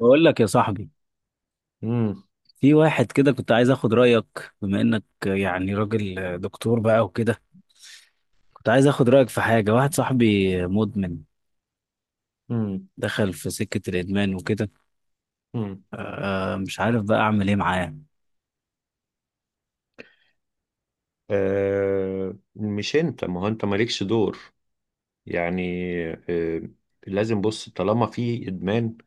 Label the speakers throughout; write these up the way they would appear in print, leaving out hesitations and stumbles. Speaker 1: بقول لك يا صاحبي،
Speaker 2: امم
Speaker 1: في واحد كده كنت عايز اخد رايك بما انك يعني راجل دكتور بقى وكده. كنت عايز اخد رايك في حاجه. واحد صاحبي مدمن،
Speaker 2: امم
Speaker 1: دخل في سكه الادمان وكده.
Speaker 2: امم
Speaker 1: مش عارف بقى اعمل ايه معاه.
Speaker 2: مش انت، ما هو انت مالكش دور، يعني. آه. لازم بص، طالما في ادمان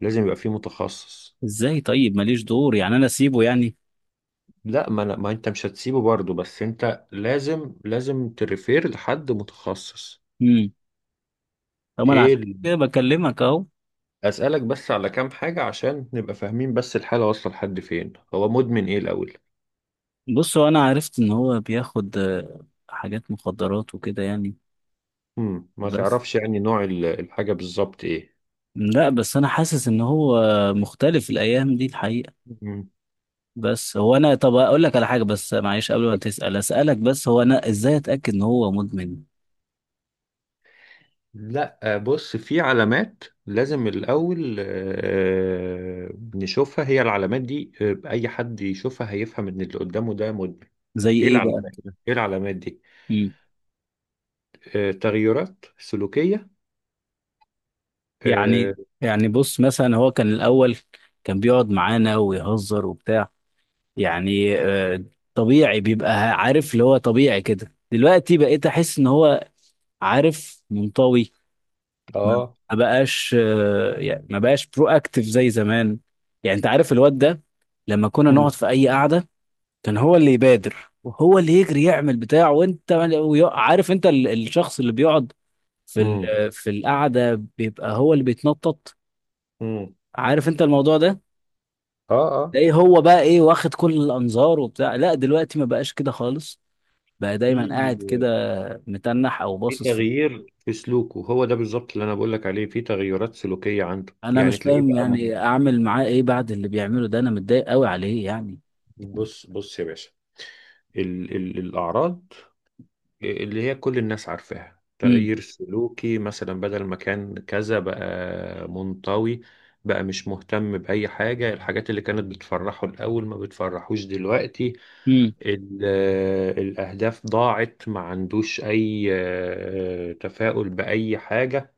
Speaker 2: لازم يبقى في متخصص.
Speaker 1: ازاي طيب ماليش دور؟ يعني انا اسيبه يعني.
Speaker 2: لا، ما انت مش هتسيبه برضه، بس انت لازم تريفير لحد متخصص.
Speaker 1: امم طب انا
Speaker 2: ايه
Speaker 1: عشان
Speaker 2: ال-
Speaker 1: كده بكلمك اهو.
Speaker 2: اسالك بس على كام حاجه عشان نبقى فاهمين، بس الحاله واصله لحد فين؟ هو مدمن ايه الاول؟
Speaker 1: بص، هو انا عرفت ان هو بياخد حاجات مخدرات وكده يعني.
Speaker 2: ما
Speaker 1: بس.
Speaker 2: تعرفش يعني نوع الحاجه بالظبط ايه؟
Speaker 1: لا بس انا حاسس ان هو مختلف الايام دي الحقيقه.
Speaker 2: امم
Speaker 1: بس هو انا، طب اقول لك على حاجه، بس معلش قبل ما تسال، اسالك بس هو انا ازاي اتاكد ان هو مدمن؟
Speaker 2: لا، بص في علامات لازم الأول نشوفها، هي العلامات دي أي حد يشوفها هيفهم إن اللي قدامه ده مدمن.
Speaker 1: زي
Speaker 2: إيه
Speaker 1: ايه بقى
Speaker 2: العلامات؟
Speaker 1: كده؟
Speaker 2: إيه العلامات دي؟
Speaker 1: مم.
Speaker 2: آه، تغيرات سلوكية. آه،
Speaker 1: يعني، يعني بص مثلا هو كان الاول، كان بيقعد معانا ويهزر وبتاع، يعني طبيعي، بيبقى عارف اللي هو طبيعي كده. دلوقتي بقيت احس ان هو، عارف، منطوي. ما
Speaker 2: آه.
Speaker 1: ما بقاش يعني ما بقاش برو اكتف زي زمان. يعني انت عارف الواد ده، لما كنا
Speaker 2: مم.
Speaker 1: نقعد في اي قعده كان هو اللي يبادر وهو اللي يجري يعمل بتاعه. وانت عارف، انت الشخص اللي بيقعد
Speaker 2: مم.
Speaker 1: في القعده بيبقى هو اللي بيتنطط.
Speaker 2: مم.
Speaker 1: عارف انت الموضوع ده؟
Speaker 2: آه، آه.
Speaker 1: تلاقيه هو بقى ايه، واخد كل الانظار وبتاع. لا دلوقتي ما بقاش كده خالص. بقى دايما قاعد كده
Speaker 2: في
Speaker 1: متنح او
Speaker 2: في
Speaker 1: باصص في.
Speaker 2: تغيير في سلوكه. هو ده بالظبط اللي أنا بقول لك عليه، في تغيرات سلوكية عنده،
Speaker 1: انا
Speaker 2: يعني
Speaker 1: مش
Speaker 2: تلاقيه
Speaker 1: فاهم
Speaker 2: بقى
Speaker 1: يعني اعمل معاه ايه بعد اللي بيعمله ده، انا متضايق قوي عليه يعني.
Speaker 2: بص بص يا باشا، ال ال الأعراض اللي هي كل الناس عارفاها،
Speaker 1: امم.
Speaker 2: تغيير سلوكي مثلا، بدل ما كان كذا بقى منطوي، بقى مش مهتم بأي حاجة، الحاجات اللي كانت بتفرحه الأول ما بتفرحوش دلوقتي.
Speaker 1: امم.
Speaker 2: ال- الأهداف ضاعت، ما عندوش أي تفاؤل بأي حاجة.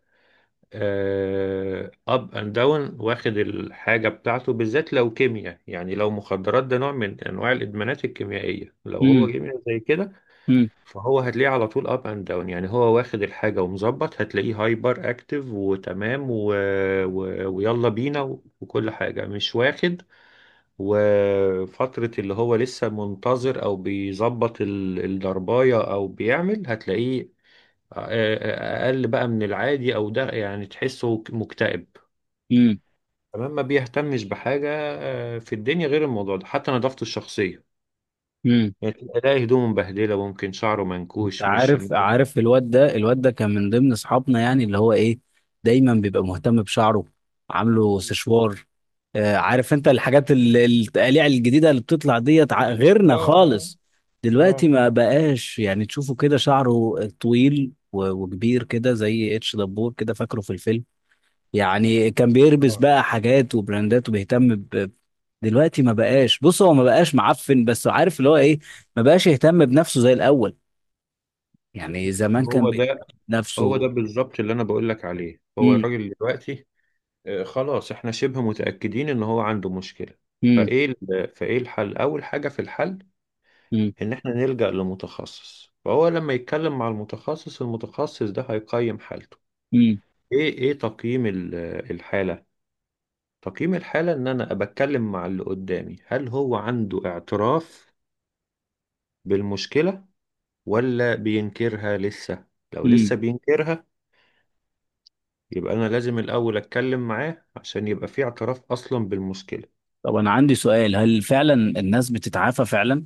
Speaker 2: أب أند داون، واخد الحاجة بتاعته، بالذات لو كيمياء، يعني لو مخدرات ده نوع من أنواع الإدمانات الكيميائية. لو هو
Speaker 1: امم.
Speaker 2: كيمياء زي كده،
Speaker 1: امم.
Speaker 2: فهو هتلاقيه على طول اب اند داون، يعني هو واخد الحاجه ومظبط، هتلاقيه هايبر اكتف وتمام ويلا بينا وكل حاجه، مش واخد. وفتره اللي هو لسه منتظر او بيظبط الضربايه او بيعمل، هتلاقيه اقل بقى من العادي، او ده يعني تحسه مكتئب،
Speaker 1: امم،
Speaker 2: تمام، ما بيهتمش بحاجه في الدنيا غير الموضوع ده، حتى نظافته الشخصيه
Speaker 1: امم.
Speaker 2: يعني، تلاقي هدومه مبهدله، ممكن شعره
Speaker 1: انت
Speaker 2: منكوش،
Speaker 1: عارف عارف الواد ده كان من ضمن اصحابنا يعني، اللي هو ايه، دايما بيبقى مهتم بشعره، عامله سشوار. عارف انت الحاجات التقاليع الجديده اللي بتطلع ديت،
Speaker 2: اه،
Speaker 1: غيرنا
Speaker 2: اه،
Speaker 1: خالص. دلوقتي
Speaker 2: اه،
Speaker 1: ما بقاش يعني. تشوفه كده شعره طويل وكبير كده زي اتش دبور كده، فاكره في الفيلم؟ يعني كان بيلبس
Speaker 2: اه.
Speaker 1: بقى حاجات وبراندات وبيهتم ب... دلوقتي ما بقاش. بص هو ما بقاش معفن، بس عارف اللي هو ايه، ما بقاش يهتم بنفسه زي الاول. يعني زمان كان
Speaker 2: هو
Speaker 1: بيهتم
Speaker 2: ده هو
Speaker 1: بنفسه.
Speaker 2: ده بالظبط اللي انا بقول لك عليه هو
Speaker 1: مم.
Speaker 2: الراجل دلوقتي. خلاص، احنا شبه متأكدين ان هو عنده مشكلة.
Speaker 1: مم.
Speaker 2: فايه ال- فايه الحل؟ اول حاجة في الحل،
Speaker 1: مم.
Speaker 2: ان احنا نلجأ لمتخصص، فهو لما يتكلم مع المتخصص، المتخصص ده هيقيم حالته.
Speaker 1: مم.
Speaker 2: ايه ايه تقييم الحالة. تقييم الحالة ان انا بتكلم مع اللي قدامي، هل هو عنده اعتراف بالمشكلة ولا بينكرها لسه؟ لو
Speaker 1: مم.
Speaker 2: لسه بينكرها يبقى أنا لازم الأول أتكلم معاه عشان يبقى في اعتراف أصلا بالمشكلة.
Speaker 1: طب انا عندي سؤال، هل فعلا الناس بتتعافى فعلا؟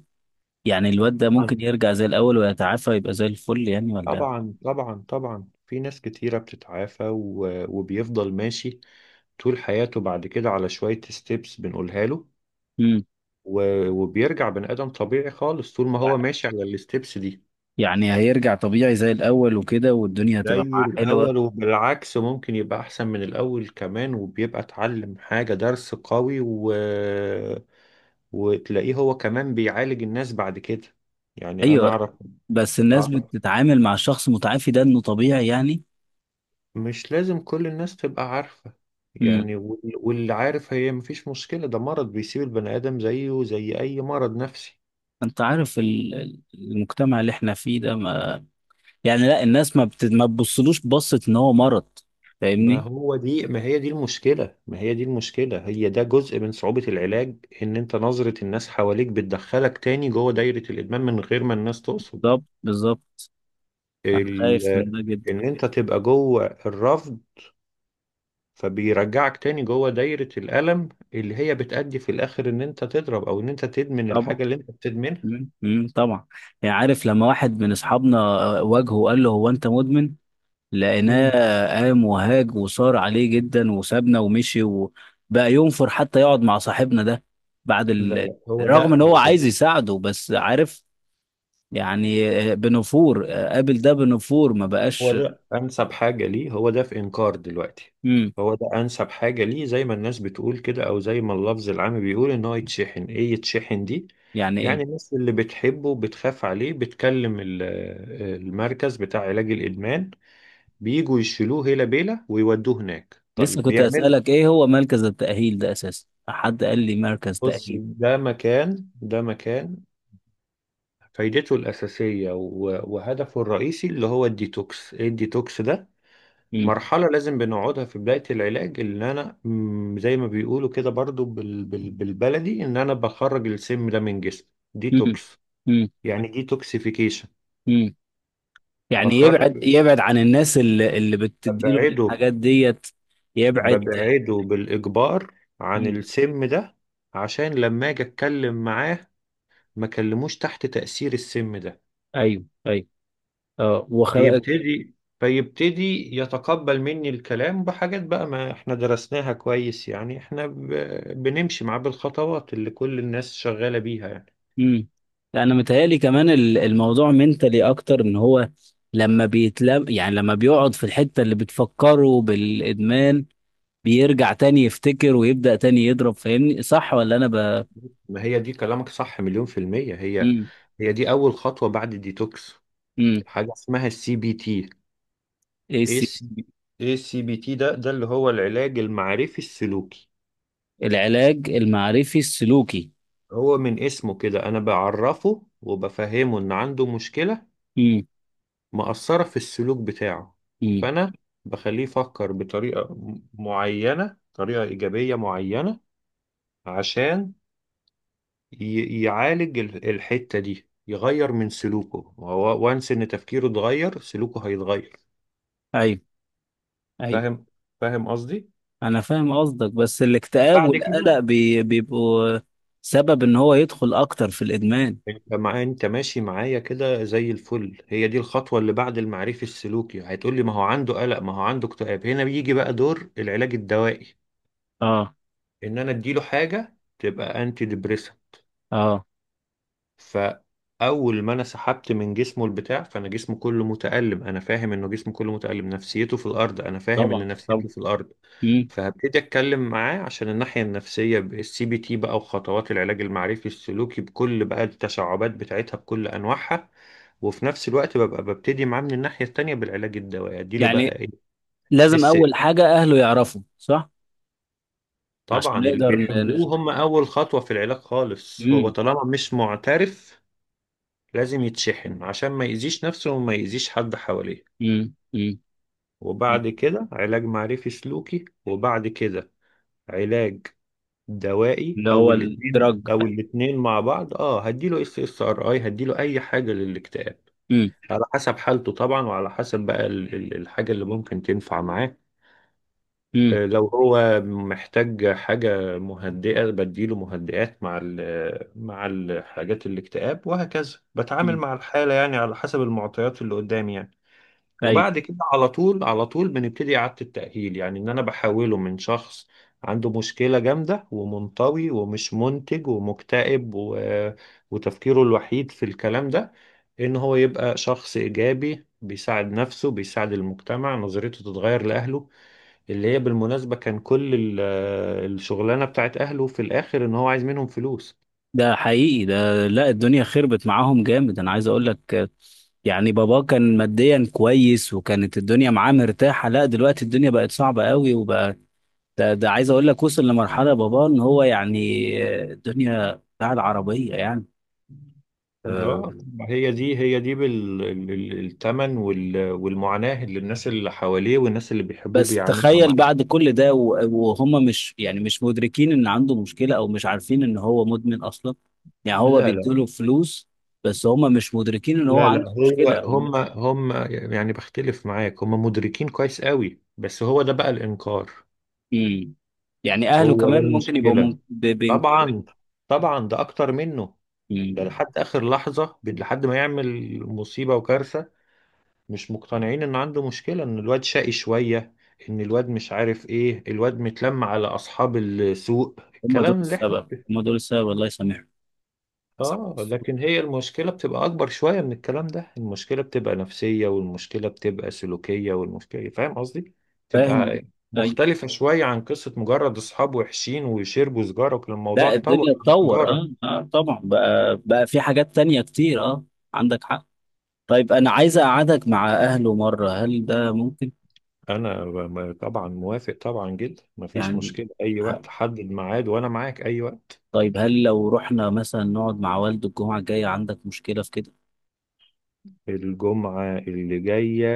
Speaker 1: يعني الواد ده ممكن
Speaker 2: طبعا،
Speaker 1: يرجع زي الاول ويتعافى يبقى زي الفل يعني ولا؟
Speaker 2: طبعا، طبعا. طبعا في ناس كتيرة بتتعافى وبيفضل ماشي طول حياته بعد كده على شوية ستيبس بنقولها له،
Speaker 1: مم.
Speaker 2: و... وبيرجع بني آدم طبيعي خالص طول ما هو ماشي على الستيبس دي.
Speaker 1: يعني هيرجع طبيعي زي الاول وكده والدنيا
Speaker 2: زي
Speaker 1: هتبقى معاه
Speaker 2: الأول،
Speaker 1: حلوة؟
Speaker 2: وبالعكس ممكن يبقى أحسن من الأول كمان، وبيبقى اتعلم حاجة درس قوي، وتلاقيه هو كمان بيعالج الناس بعد كده، يعني أنا
Speaker 1: ايوه. بس الناس
Speaker 2: أعرف.
Speaker 1: بتتعامل مع الشخص المتعافي ده انه طبيعي يعني؟
Speaker 2: مش لازم كل الناس تبقى عارفة،
Speaker 1: مم.
Speaker 2: يعني، واللي عارف هي مفيش مشكلة، ده مرض بيسيب البني آدم زيه زي أي مرض نفسي.
Speaker 1: انت عارف المجتمع اللي احنا فيه ده ما، يعني لا الناس ما بتبصلوش بصة ان هو مرض.
Speaker 2: ما
Speaker 1: فاهمني؟
Speaker 2: هو دي ما هي دي المشكلة ما هي دي المشكلة، هي ده جزء من صعوبة العلاج، إن أنت نظرة الناس حواليك بتدخلك تاني جوه دايرة الإدمان من غير ما الناس تقصد.
Speaker 1: بالظبط بالظبط. انا خايف
Speaker 2: ال...
Speaker 1: من ده جدا.
Speaker 2: إن أنت تبقى جوه الرفض، فبيرجعك تاني جوه دايرة الألم اللي هي بتأدي في الآخر إن أنت تضرب، أو إن أنت تدمن
Speaker 1: طبعا.
Speaker 2: الحاجة اللي أنت بتدمنها.
Speaker 1: مم. مم. طبعا. يعني عارف لما واحد من اصحابنا واجهه وقال له هو انت مدمن، لقيناه
Speaker 2: مم.
Speaker 1: قام وهاج وصار عليه جدا وسابنا ومشي وبقى ينفر حتى يقعد مع صاحبنا ده بعد
Speaker 2: لا،
Speaker 1: ال...
Speaker 2: لا.
Speaker 1: رغم ان هو عايز يساعده. بس عارف، يعني بنفور. قابل ده بنفور، ما
Speaker 2: هو
Speaker 1: بقاش.
Speaker 2: ده انسب حاجه ليه، هو ده في انكار دلوقتي.
Speaker 1: مم.
Speaker 2: هو ده انسب حاجه ليه، زي ما الناس بتقول كده، او زي ما اللفظ العام بيقول، ان هو يتشحن. ايه يتشحن دي؟
Speaker 1: يعني
Speaker 2: يعني
Speaker 1: ايه؟
Speaker 2: الناس اللي بتحبه بتخاف عليه، بتكلم المركز بتاع علاج الادمان، بيجوا يشيلوه هيلا بيلا ويودوه هناك.
Speaker 1: لسه
Speaker 2: طيب
Speaker 1: كنت
Speaker 2: بيعمل؟
Speaker 1: اسالك، ايه هو مركز التاهيل ده اساسا؟ حد قال لي مركز
Speaker 2: بص،
Speaker 1: تاهيل.
Speaker 2: ده مكان فايدته الأساسية وهدفه الرئيسي اللي هو الديتوكس. إيه الديتوكس ده؟
Speaker 1: مم.
Speaker 2: مرحلة لازم بنقعدها في بداية العلاج، ان انا زي ما بيقولوا كده برضو بالبلدي، ان انا بخرج السم ده من جسمي.
Speaker 1: مم.
Speaker 2: ديتوكس،
Speaker 1: مم.
Speaker 2: يعني ديتوكسيفيكيشن.
Speaker 1: مم. يعني يبعد،
Speaker 2: بخرج،
Speaker 1: يبعد عن الناس اللي بتديله
Speaker 2: ببعده
Speaker 1: الحاجات ديت. يبعد.
Speaker 2: ببعده بالإجبار عن
Speaker 1: مم.
Speaker 2: السم ده، عشان لما اجي اتكلم معاه ما كلموش تحت تأثير السم ده.
Speaker 1: ايوه ايوه. اه.
Speaker 2: فيبتدي فيبتدي يتقبل مني الكلام بحاجات بقى ما احنا درسناها كويس، يعني احنا بنمشي معاه بالخطوات اللي كل الناس شغالة بيها يعني.
Speaker 1: مم. لا، انا متهيألي كمان الموضوع منتلي اكتر ان هو، لما بيتلم يعني لما بيقعد في الحتة اللي بتفكره بالادمان، بيرجع تاني يفتكر ويبدأ تاني يضرب. فاهمني؟ صح ولا انا ب
Speaker 2: ما هي دي، كلامك صح مليون في المية. هي
Speaker 1: مم.
Speaker 2: هي دي أول خطوة بعد الديتوكس،
Speaker 1: مم.
Speaker 2: حاجة اسمها الـCBT.
Speaker 1: إيه
Speaker 2: ايه السي بي ايه الـCBT ده اللي هو العلاج المعرفي السلوكي.
Speaker 1: العلاج المعرفي السلوكي.
Speaker 2: هو من اسمه كده أنا بعرفه وبفهمه، إن عنده مشكلة
Speaker 1: مم.
Speaker 2: مأثرة في السلوك بتاعه،
Speaker 1: مم.
Speaker 2: فأنا بخليه يفكر بطريقة معينة، طريقة إيجابية معينة، عشان يعالج الحتة دي، يغير من سلوكه هو، وانس إن تفكيره اتغير سلوكه هيتغير.
Speaker 1: ايوه ايوه.
Speaker 2: فاهم فاهم قصدي؟
Speaker 1: انا فاهم قصدك، بس الاكتئاب
Speaker 2: بعد كده،
Speaker 1: والقلق بيبقوا سبب ان هو يدخل اكتر في الادمان.
Speaker 2: انت ماشي معايا كده زي الفل. هي دي الخطوة اللي بعد المعرفي السلوكي، هتقول لي ما هو عنده قلق، ما هو عنده اكتئاب. هنا بيجي بقى دور العلاج الدوائي،
Speaker 1: اه
Speaker 2: ان انا اديله حاجة تبقى انتي ديبريسنت.
Speaker 1: اه.
Speaker 2: فاول ما انا سحبت من جسمه البتاع، فانا جسمه كله متألم، انا فاهم انه جسمه كله متألم، نفسيته في الارض، انا فاهم
Speaker 1: طبعا
Speaker 2: ان
Speaker 1: طبعا.
Speaker 2: نفسيته في الارض.
Speaker 1: مم.
Speaker 2: فهبتدي اتكلم معاه عشان الناحيه النفسيه بالسي بي تي بقى، وخطوات العلاج المعرفي السلوكي بكل بقى التشعبات بتاعتها بكل انواعها، وفي نفس الوقت ببقى ببتدي معاه من الناحيه التانيه بالعلاج الدوائي، اديله بقى
Speaker 1: يعني
Speaker 2: ايه؟
Speaker 1: لازم
Speaker 2: اس
Speaker 1: اول حاجة اهله يعرفوا، صح؟ عشان
Speaker 2: طبعا، اللي
Speaker 1: نقدر
Speaker 2: بيحبوه هم اول خطوه في العلاج خالص، هو
Speaker 1: مم.
Speaker 2: طالما مش معترف لازم يتشحن عشان ما يأذيش نفسه وما يأذيش حد حواليه.
Speaker 1: مم. مم. مم.
Speaker 2: وبعد كده علاج معرفي سلوكي، وبعد كده علاج دوائي،
Speaker 1: اللي هو الدرج.
Speaker 2: او الاتنين مع بعض. اه، هديله SSRI، هديله اي حاجه للاكتئاب،
Speaker 1: مم.
Speaker 2: على حسب حالته طبعا، وعلى حسب بقى الحاجه اللي ممكن تنفع معاه.
Speaker 1: مم.
Speaker 2: لو هو محتاج حاجه مهدئه بديله مهدئات، مع مع الحاجات الاكتئاب، وهكذا بتعامل
Speaker 1: مم.
Speaker 2: مع الحاله، يعني على حسب المعطيات اللي قدامي يعني.
Speaker 1: ايوه.
Speaker 2: وبعد كده على طول، على طول بنبتدي إعادة التأهيل، يعني إن أنا بحوله من شخص عنده مشكلة جامدة، ومنطوي، ومش منتج، ومكتئب، وتفكيره الوحيد في الكلام ده، إن هو يبقى شخص إيجابي بيساعد نفسه، بيساعد المجتمع، نظريته تتغير لأهله، اللي هي بالمناسبة كان كل الشغلانة بتاعت أهله في الآخر إن هو عايز منهم فلوس.
Speaker 1: ده حقيقي ده. لا الدنيا خربت معاهم جامد، انا عايز اقول لك يعني بابا كان ماديا كويس وكانت الدنيا معاه مرتاحة. لا دلوقتي الدنيا بقت صعبة قوي وبقى، ده عايز اقول لك، وصل لمرحله بابا ان هو يعني الدنيا بتاع العربيه يعني. آه،
Speaker 2: اه، ما هي دي هي دي بالثمن والمعاناة اللي الناس اللي حواليه والناس اللي بيحبوه
Speaker 1: بس
Speaker 2: بيعانوها
Speaker 1: تخيل
Speaker 2: معاه.
Speaker 1: بعد كل ده وهم مش يعني مش مدركين ان عنده مشكله او مش عارفين ان هو مدمن اصلا. يعني هو
Speaker 2: لا، لا.
Speaker 1: بيديله فلوس، بس هم مش مدركين ان هو
Speaker 2: لا، لا،
Speaker 1: عنده مشكله
Speaker 2: هو
Speaker 1: أو...
Speaker 2: هم هم. يعني بختلف معاك، هم مدركين كويس قوي، بس هو ده بقى الإنكار.
Speaker 1: مم. يعني اهله
Speaker 2: هو ده
Speaker 1: كمان ممكن يبقوا
Speaker 2: المشكلة.
Speaker 1: بينكروا.
Speaker 2: طبعا. طبعا ده أكتر منه، ده
Speaker 1: مم.
Speaker 2: لحد آخر لحظة، لحد ما يعمل مصيبة وكارثة. مش مقتنعين ان عنده مشكلة، ان الواد شقي شوية، ان الواد مش عارف ايه، الواد متلم على اصحاب السوق،
Speaker 1: هم دول
Speaker 2: الكلام اللي احنا.
Speaker 1: السبب، هم دول السبب. الله يسامحهم. صح.
Speaker 2: اه، لكن هي المشكلة بتبقى اكبر شوية من الكلام ده. المشكلة بتبقى نفسية، والمشكلة بتبقى سلوكية، والمشكلة، فاهم قصدي،
Speaker 1: فاهم.
Speaker 2: بتبقى
Speaker 1: أي.
Speaker 2: مختلفة شوية عن قصة مجرد اصحاب وحشين ويشربوا سجارة، وكان الموضوع
Speaker 1: لا
Speaker 2: اتطور
Speaker 1: الدنيا
Speaker 2: عن
Speaker 1: اتطور، اه
Speaker 2: سجارة.
Speaker 1: اه طبعا، بقى بقى في حاجات تانية كتير. اه. عندك حق. طيب انا عايز اقعدك مع اهله مرة، هل ده ممكن؟
Speaker 2: انا طبعا موافق، طبعا جدا، مفيش
Speaker 1: يعني
Speaker 2: مشكلة، اي
Speaker 1: ه-
Speaker 2: وقت حدد ميعاد وانا معاك اي وقت.
Speaker 1: طيب هل لو رحنا مثلا نقعد مع والده الجمعة الجاية عندك مشكلة في كده؟
Speaker 2: الجمعة اللي جاية؟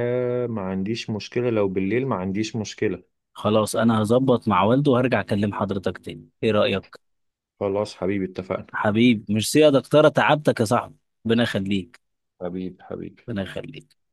Speaker 2: ما عنديش مشكلة، لو بالليل ما عنديش مشكلة.
Speaker 1: خلاص انا هظبط مع والده وهرجع اكلم حضرتك تاني، ايه رأيك؟
Speaker 2: خلاص حبيبي، اتفقنا.
Speaker 1: حبيب، ميرسي يا دكتورة، تعبتك يا صاحبي. ربنا يخليك.
Speaker 2: حبيب، حبيب.
Speaker 1: ربنا يخليك.